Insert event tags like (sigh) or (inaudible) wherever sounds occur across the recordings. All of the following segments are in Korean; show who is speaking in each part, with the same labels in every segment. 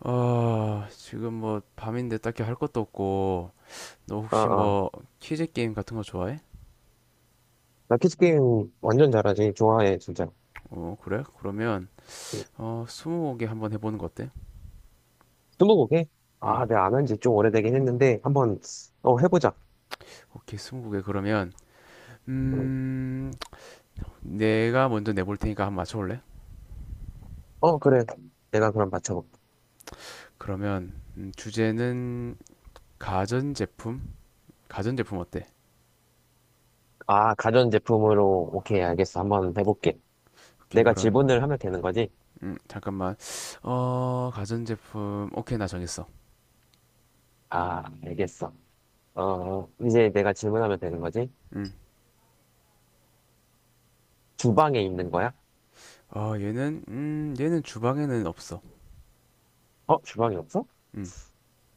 Speaker 1: 아, 지금 뭐 밤인데 딱히 할 것도 없고, 너
Speaker 2: 아,
Speaker 1: 혹시
Speaker 2: 아.
Speaker 1: 뭐 퀴즈 게임 같은 거 좋아해?
Speaker 2: 나 키즈게임 완전 잘하지. 좋아해, 진짜.
Speaker 1: 어, 그래? 그러면
Speaker 2: 응.
Speaker 1: 스무고개 한번 해보는 거 어때?
Speaker 2: 스무고개? 아,
Speaker 1: 음,
Speaker 2: 내가 안 한 지 좀 오래되긴 했는데, 한번, 해보자.
Speaker 1: 오케이, 스무고개 그러면
Speaker 2: 응.
Speaker 1: 음, 내가 먼저 내볼 테니까 한번 맞춰볼래?
Speaker 2: 어, 그래. 내가 그럼 맞춰볼게.
Speaker 1: 그러면 주제는 가전제품? 가전제품 어때?
Speaker 2: 아, 가전제품으로, 오케이, 알겠어. 한번 해볼게.
Speaker 1: 오케이,
Speaker 2: 내가
Speaker 1: 그럼
Speaker 2: 질문을 하면 되는 거지?
Speaker 1: 잠깐만. 어, 가전제품. 오케이, 나 정했어.
Speaker 2: 아, 알겠어. 어, 이제 내가 질문하면 되는 거지?
Speaker 1: 음,
Speaker 2: 주방에 있는 거야?
Speaker 1: 얘는 주방에는 없어.
Speaker 2: 어, 주방에 없어?
Speaker 1: 음.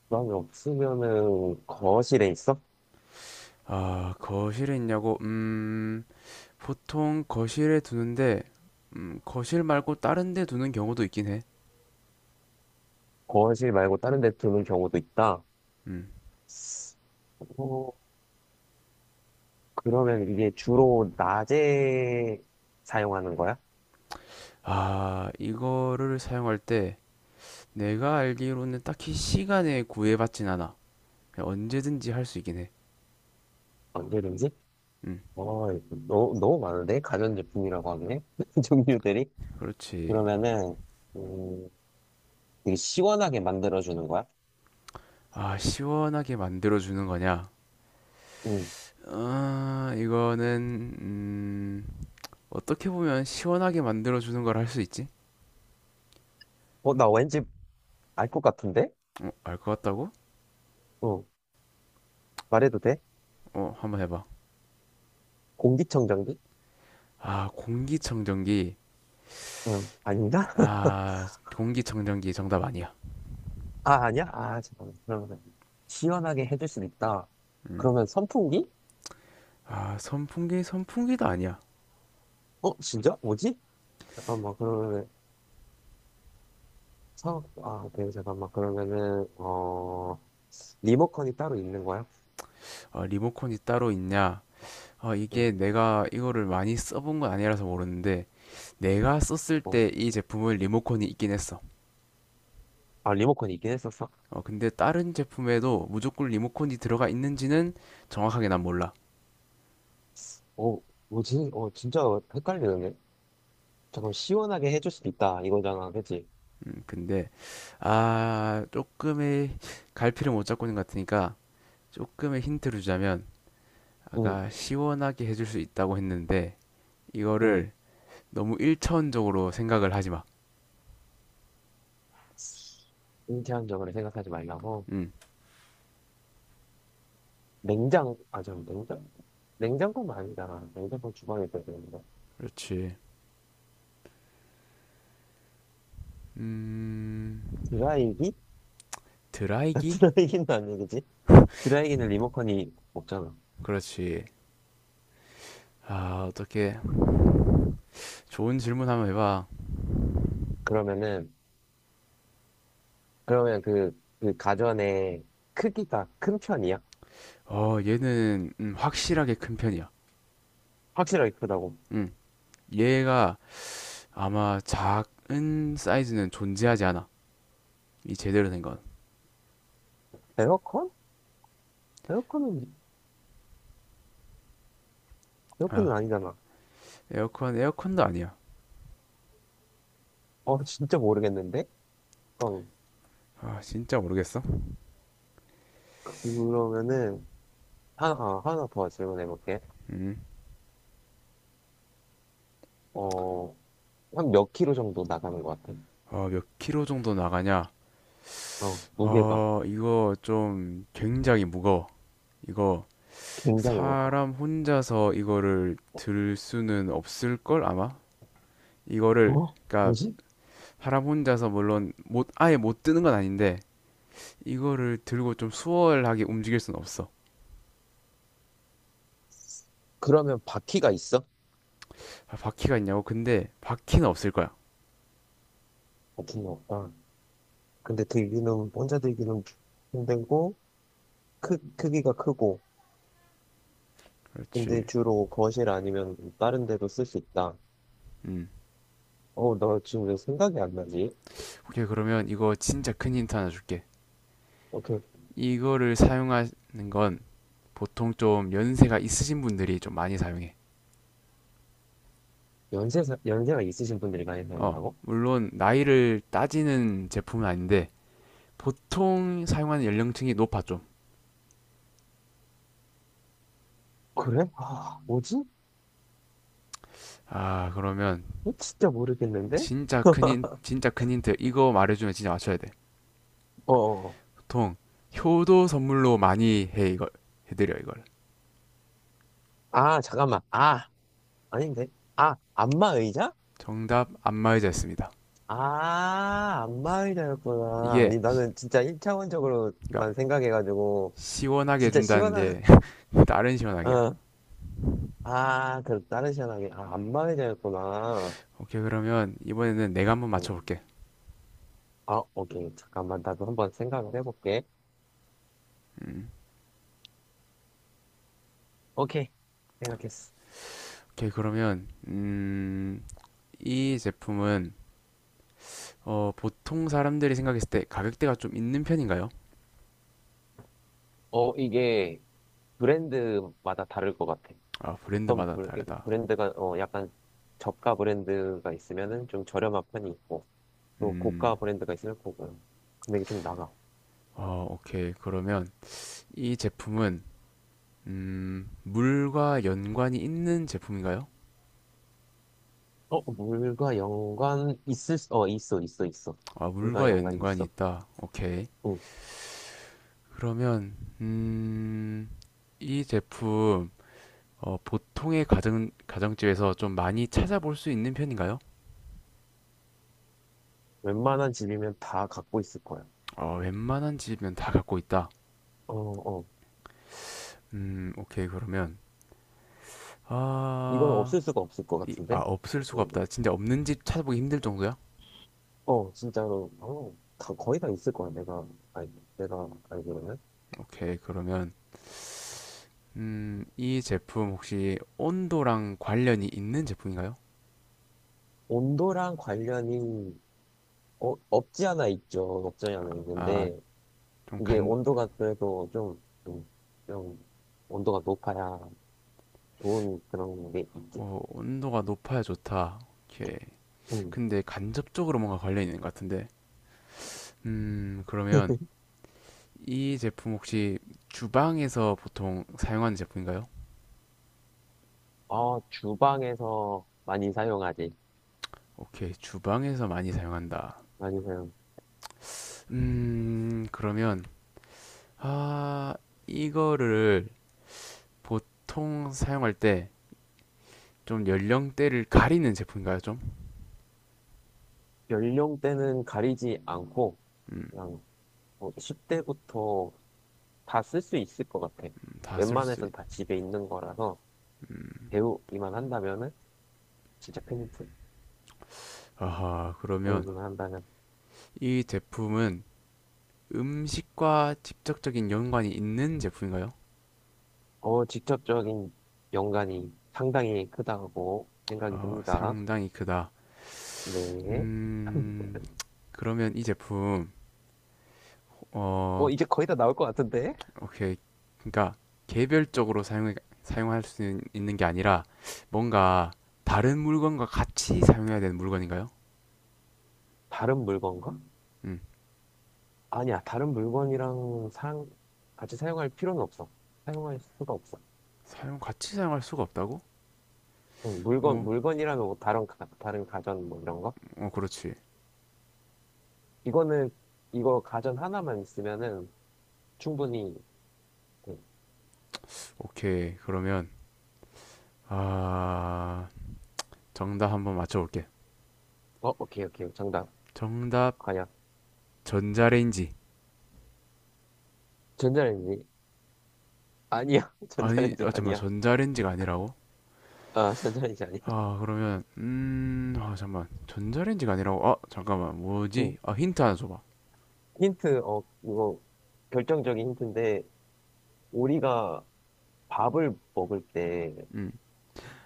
Speaker 2: 주방에 없으면은, 거실에 있어?
Speaker 1: 아, 거실에 있냐고? 보통 거실에 두는데, 거실 말고 다른 데 두는 경우도 있긴 해.
Speaker 2: 거실 말고 다른 데 두는 경우도 있다.
Speaker 1: 음.
Speaker 2: 어, 그러면 이게 주로 낮에 사용하는 거야?
Speaker 1: 아, 이거를 사용할 때 내가 알기로는 딱히 시간에 구애받진 않아. 그냥 언제든지 할 수 있긴 해.
Speaker 2: 언제든지?
Speaker 1: 음,
Speaker 2: 어, 너무, 너무 많은데? 가전제품이라고 하네? (laughs) 종류들이?
Speaker 1: 그렇지.
Speaker 2: 그러면은, 음, 되게 시원하게 만들어주는 거야?
Speaker 1: 아, 시원하게 만들어주는 거냐?
Speaker 2: 응.
Speaker 1: 아, 이거는, 어떻게 보면 시원하게 만들어주는 걸 할 수 있지?
Speaker 2: 어, 나 왠지 알 것 같은데?
Speaker 1: 어, 알 것 같다고?
Speaker 2: 어, 말해도 돼?
Speaker 1: 어, 한번 해봐.
Speaker 2: 공기청정기?
Speaker 1: 아, 공기청정기.
Speaker 2: 응. 아닌가? (laughs)
Speaker 1: 아, 공기청정기 정답 아니야.
Speaker 2: 아, 아니야? 아, 잠깐만. 그러면 시원하게 해줄 수 있다.
Speaker 1: 음.
Speaker 2: 그러면 선풍기?
Speaker 1: 아, 선풍기, 선풍기도 아니야.
Speaker 2: 어, 진짜? 뭐지? 잠깐만, 그러면 오케이, 잠깐만. 그러면은, 어, 리모컨이 따로 있는 거야?
Speaker 1: 어, 리모컨이 따로 있냐? 어,
Speaker 2: 응.
Speaker 1: 이게 내가 이거를 많이 써본 건 아니라서 모르는데, 내가 썼을
Speaker 2: 어.
Speaker 1: 때 이 제품은 리모컨이 있긴 했어.
Speaker 2: 아, 리모컨이 있긴 했었어?
Speaker 1: 어, 근데 다른 제품에도 무조건 리모컨이 들어가 있는지는 정확하게 난 몰라.
Speaker 2: 어, 뭐지? 어, 진짜 헷갈리는데? 잠깐 시원하게 해줄 수도 있다, 이거잖아, 그치?
Speaker 1: 근데, 아, 조금의 갈피를 못 잡고 있는 것 같으니까, 조금의 힌트를 주자면,
Speaker 2: 응,
Speaker 1: 아까 시원하게 해줄 수 있다고 했는데,
Speaker 2: 응.
Speaker 1: 이거를 너무 일차원적으로 생각을 하지 마.
Speaker 2: 인체한적으로 생각하지 말라고.
Speaker 1: 음,
Speaker 2: 냉장? 냉장고는 아니잖아. 냉장고 주방에 있어야 되는데.
Speaker 1: 그렇지. 음,
Speaker 2: 드라이기? (laughs)
Speaker 1: 드라이기?
Speaker 2: 드라이기는 아니겠지? 드라이기는 리모컨이 없잖아.
Speaker 1: 그렇지. 아, 어떻게 좋은 질문 한번 해봐.
Speaker 2: 그러면은, 그러면 그, 그 가전의 크기가 큰 편이야?
Speaker 1: 어, 얘는 확실하게 큰 편이야.
Speaker 2: 확실하게 크다고.
Speaker 1: 음, 얘가 아마 작은 사이즈는 존재하지 않아. 이 제대로 된 건.
Speaker 2: 에어컨? 에어컨은,
Speaker 1: 아,
Speaker 2: 에어컨은 아니잖아.
Speaker 1: 에어컨, 에어컨도 아니야.
Speaker 2: 어, (laughs) 진짜 모르겠는데? 어,
Speaker 1: 아, 진짜 모르겠어.
Speaker 2: 그러면은, 하나 더 질문해볼게.
Speaker 1: 음,
Speaker 2: 어, 한 몇 킬로 정도 나가는 것 같아?
Speaker 1: 어, 몇 킬로 정도 나가냐?
Speaker 2: 어, 무게가
Speaker 1: 어, 이거 좀 굉장히 무거워. 이거
Speaker 2: 굉장히 무겁다.
Speaker 1: 사람 혼자서 이거를 들 수는 없을 걸 아마 이거를
Speaker 2: 어?
Speaker 1: 그러니까
Speaker 2: 뭐지?
Speaker 1: 사람 혼자서 물론 못 아예 못 드는 건 아닌데 이거를 들고 좀 수월하게 움직일 수는 없어.
Speaker 2: 그러면 바퀴가 있어?
Speaker 1: 아, 바퀴가 있냐고 근데 바퀴는 없을 거야.
Speaker 2: 바퀴는 없다. 근데 들기는, 혼자 들기는 힘들고, 크기가 크고, 근데
Speaker 1: 그렇지.
Speaker 2: 주로 거실 아니면 다른 데도 쓸 수 있다.
Speaker 1: 음,
Speaker 2: 어, 나 지금 왜 생각이 안 나지?
Speaker 1: 오케이 그러면 이거 진짜 큰 힌트 하나 줄게.
Speaker 2: 어, 그,
Speaker 1: 이거를 사용하는 건 보통 좀 연세가 있으신 분들이 좀 많이 사용해.
Speaker 2: 연세가 있으신 분들이 많이
Speaker 1: 어
Speaker 2: 사용한다고?
Speaker 1: 물론 나이를 따지는 제품은 아닌데 보통 사용하는 연령층이 높아 좀.
Speaker 2: 그래? 아, 뭐지?
Speaker 1: 아, 그러면
Speaker 2: 어, 진짜 모르겠는데?
Speaker 1: 진짜 큰 힌트. 이거 말해주면 진짜 맞춰야 돼.
Speaker 2: 어, 어.
Speaker 1: 보통 효도 선물로 많이 해 이걸 해드려 이걸.
Speaker 2: 아, 잠깐만. 아, 아닌데. 아, 안마 의자?
Speaker 1: 정답 안마의자였습니다.
Speaker 2: 아, 안마 의자였구나.
Speaker 1: 이게
Speaker 2: 아니, 나는 진짜
Speaker 1: 그러니까
Speaker 2: 1차원적으로만 생각해가지고,
Speaker 1: 시원하게
Speaker 2: 진짜
Speaker 1: 해준다는
Speaker 2: 시원한,
Speaker 1: 게 (laughs)
Speaker 2: (laughs)
Speaker 1: 다른 시원하게야.
Speaker 2: 어. 아, 그, 다른 시원하게. 아, 안마 의자였구나.
Speaker 1: 오케이 그러면 이번에는 내가 한번
Speaker 2: 음.
Speaker 1: 맞춰볼게.
Speaker 2: 아, 오케이. 잠깐만. 나도 한번 생각을 해볼게.
Speaker 1: 음,
Speaker 2: 오케이. 생각했어.
Speaker 1: 오케이 그러면 이 제품은 어, 보통 사람들이 생각했을 때 가격대가 좀 있는 편인가요?
Speaker 2: 어, 이게, 브랜드마다 다를 것 같아.
Speaker 1: 아 브랜드마다 다르다.
Speaker 2: 브랜드가 어 약간 저가 브랜드가 있으면은 좀 저렴한 편이 있고 또 고가
Speaker 1: 음,
Speaker 2: 브랜드가 있을 거고 금액이 좀 나가.
Speaker 1: 어, 오케이 그러면 이 제품은 물과 연관이 있는 제품인가요?
Speaker 2: 어 물과 연관 있을 수, 어 있어 있어 있어
Speaker 1: 아,
Speaker 2: 물과
Speaker 1: 물과
Speaker 2: 연관
Speaker 1: 연관이
Speaker 2: 있어.
Speaker 1: 있다. 오케이.
Speaker 2: 응.
Speaker 1: 그러면, 이 제품, 어, 가정집에서 좀 많이 찾아볼 수 있는 편인가요?
Speaker 2: 웬만한 집이면 다 갖고 있을 거야.
Speaker 1: 어, 웬만한 집은 다 갖고 있다.
Speaker 2: 어어.
Speaker 1: 오케이. 그러면,
Speaker 2: 이건
Speaker 1: 아,
Speaker 2: 없을 수가 없을 것
Speaker 1: 이, 아,
Speaker 2: 같은데.
Speaker 1: 없을 수가
Speaker 2: 응.
Speaker 1: 없다. 진짜 없는 집 찾아보기 힘들 정도야?
Speaker 2: 어 진짜로 어, 다 거의 다 있을 거야 알 내가 알기로는.
Speaker 1: 오케이. 그러면, 이 제품 혹시 온도랑 관련이 있는 제품인가요?
Speaker 2: 온도랑 관련이 어, 없지 않아 있죠. 없지 않아
Speaker 1: 아,
Speaker 2: 있는데,
Speaker 1: 좀
Speaker 2: 이게
Speaker 1: 간,
Speaker 2: 온도가 그래도 좀 온도가 높아야 좋은 그런 게 있지.
Speaker 1: 어, 온도가 높아야 좋다. 오케이.
Speaker 2: 음.
Speaker 1: 근데 간접적으로 뭔가 관련이 있는 것 같은데. 그러면 이 제품 혹시 주방에서 보통 사용하는 제품인가요?
Speaker 2: 아, 주방에서 많이 사용하지.
Speaker 1: 오케이. 주방에서 많이 사용한다.
Speaker 2: 많이 사용.
Speaker 1: 그러면, 아, 이거를 보통 사용할 때 좀 연령대를 가리는 제품인가요? 좀?
Speaker 2: 연령대는 가리지 않고, 그냥 뭐 10대부터 다 쓸 수 있을 것 같아.
Speaker 1: 다 쓸 수, 있...
Speaker 2: 웬만해선 다 집에 있는 거라서, 배우기만 한다면은, 진짜 큰 힌트.
Speaker 1: 아하, 그러면
Speaker 2: 배우기만 한다면.
Speaker 1: 이 제품은 음식과 직접적인 연관이 있는 제품인가요?
Speaker 2: 어, 직접적인 연관이 상당히 크다고 생각이
Speaker 1: 어,
Speaker 2: 듭니다.
Speaker 1: 상당히 크다.
Speaker 2: 네.
Speaker 1: 음, 그러면 이 제품, 어,
Speaker 2: 어, 이제 거의 다 나올 것 같은데?
Speaker 1: 오케이. 그러니까 개별적으로 사용, 사용할 수 있는, 게 아니라 뭔가 다른 물건과 같이 사용해야 되는 물건인가요?
Speaker 2: 다른 물건과?
Speaker 1: 음,
Speaker 2: 아니야, 다른 물건이랑 상 같이 사용할 필요는 없어. 사용할 수가 없어.
Speaker 1: 같이 사용할 수가 없다고?
Speaker 2: 응,
Speaker 1: 어,
Speaker 2: 물건이라면 뭐 다른, 다른 가전 뭐 이런 거?
Speaker 1: 그렇지.
Speaker 2: 이거는, 이거 가전 하나만 있으면은 충분히, 응.
Speaker 1: 오케이. 그러면, 아, 정답 한번 맞춰볼게.
Speaker 2: 어, 오케이, 오케이. 정답.
Speaker 1: 정답,
Speaker 2: 과연.
Speaker 1: 전자레인지.
Speaker 2: 전자레인지? 아니야. (laughs)
Speaker 1: 아니, 아,
Speaker 2: 전자레인지
Speaker 1: 잠깐만,
Speaker 2: 아니야.
Speaker 1: 전자레인지가 아니라고?
Speaker 2: 아, 전자레인지 아니야.
Speaker 1: 아, 그러면, 아, 잠깐만. 전자레인지가 아니라고, 아, 잠깐만.
Speaker 2: 응.
Speaker 1: 뭐지? 아, 힌트 하나 줘봐.
Speaker 2: 힌트, 어, 이거 결정적인 힌트인데, 우리가 밥을 먹을 때,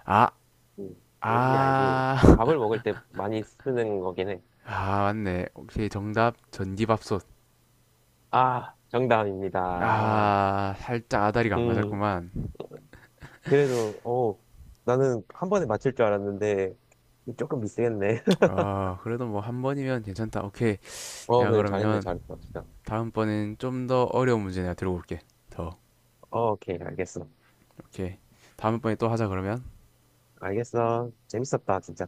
Speaker 1: 아,
Speaker 2: 음, 왠지 알지?
Speaker 1: 아, (laughs)
Speaker 2: 밥을 먹을 때 많이 쓰는 거긴 해.
Speaker 1: 아, 맞네. 오케이, 정답. 전기밥솥.
Speaker 2: 아, 정답입니다.
Speaker 1: 아, 살짝 아다리가 안
Speaker 2: 음,
Speaker 1: 맞았구만.
Speaker 2: 그래도, 어, 나는 한 번에 맞힐 줄 알았는데, 조금 미세겠네. (laughs)
Speaker 1: 아, 그래도 뭐 한 번이면 괜찮다. 오케이.
Speaker 2: 어,
Speaker 1: 내가
Speaker 2: 그래, 잘했네,
Speaker 1: 그러면
Speaker 2: 잘했어, 진짜.
Speaker 1: 다음번엔 좀 더 어려운 문제 내가 들고 올게. 더.
Speaker 2: 어, 오케이, 알겠어.
Speaker 1: 오케이. 다음번에 또 하자, 그러면.
Speaker 2: 알겠어. 재밌었다, 진짜.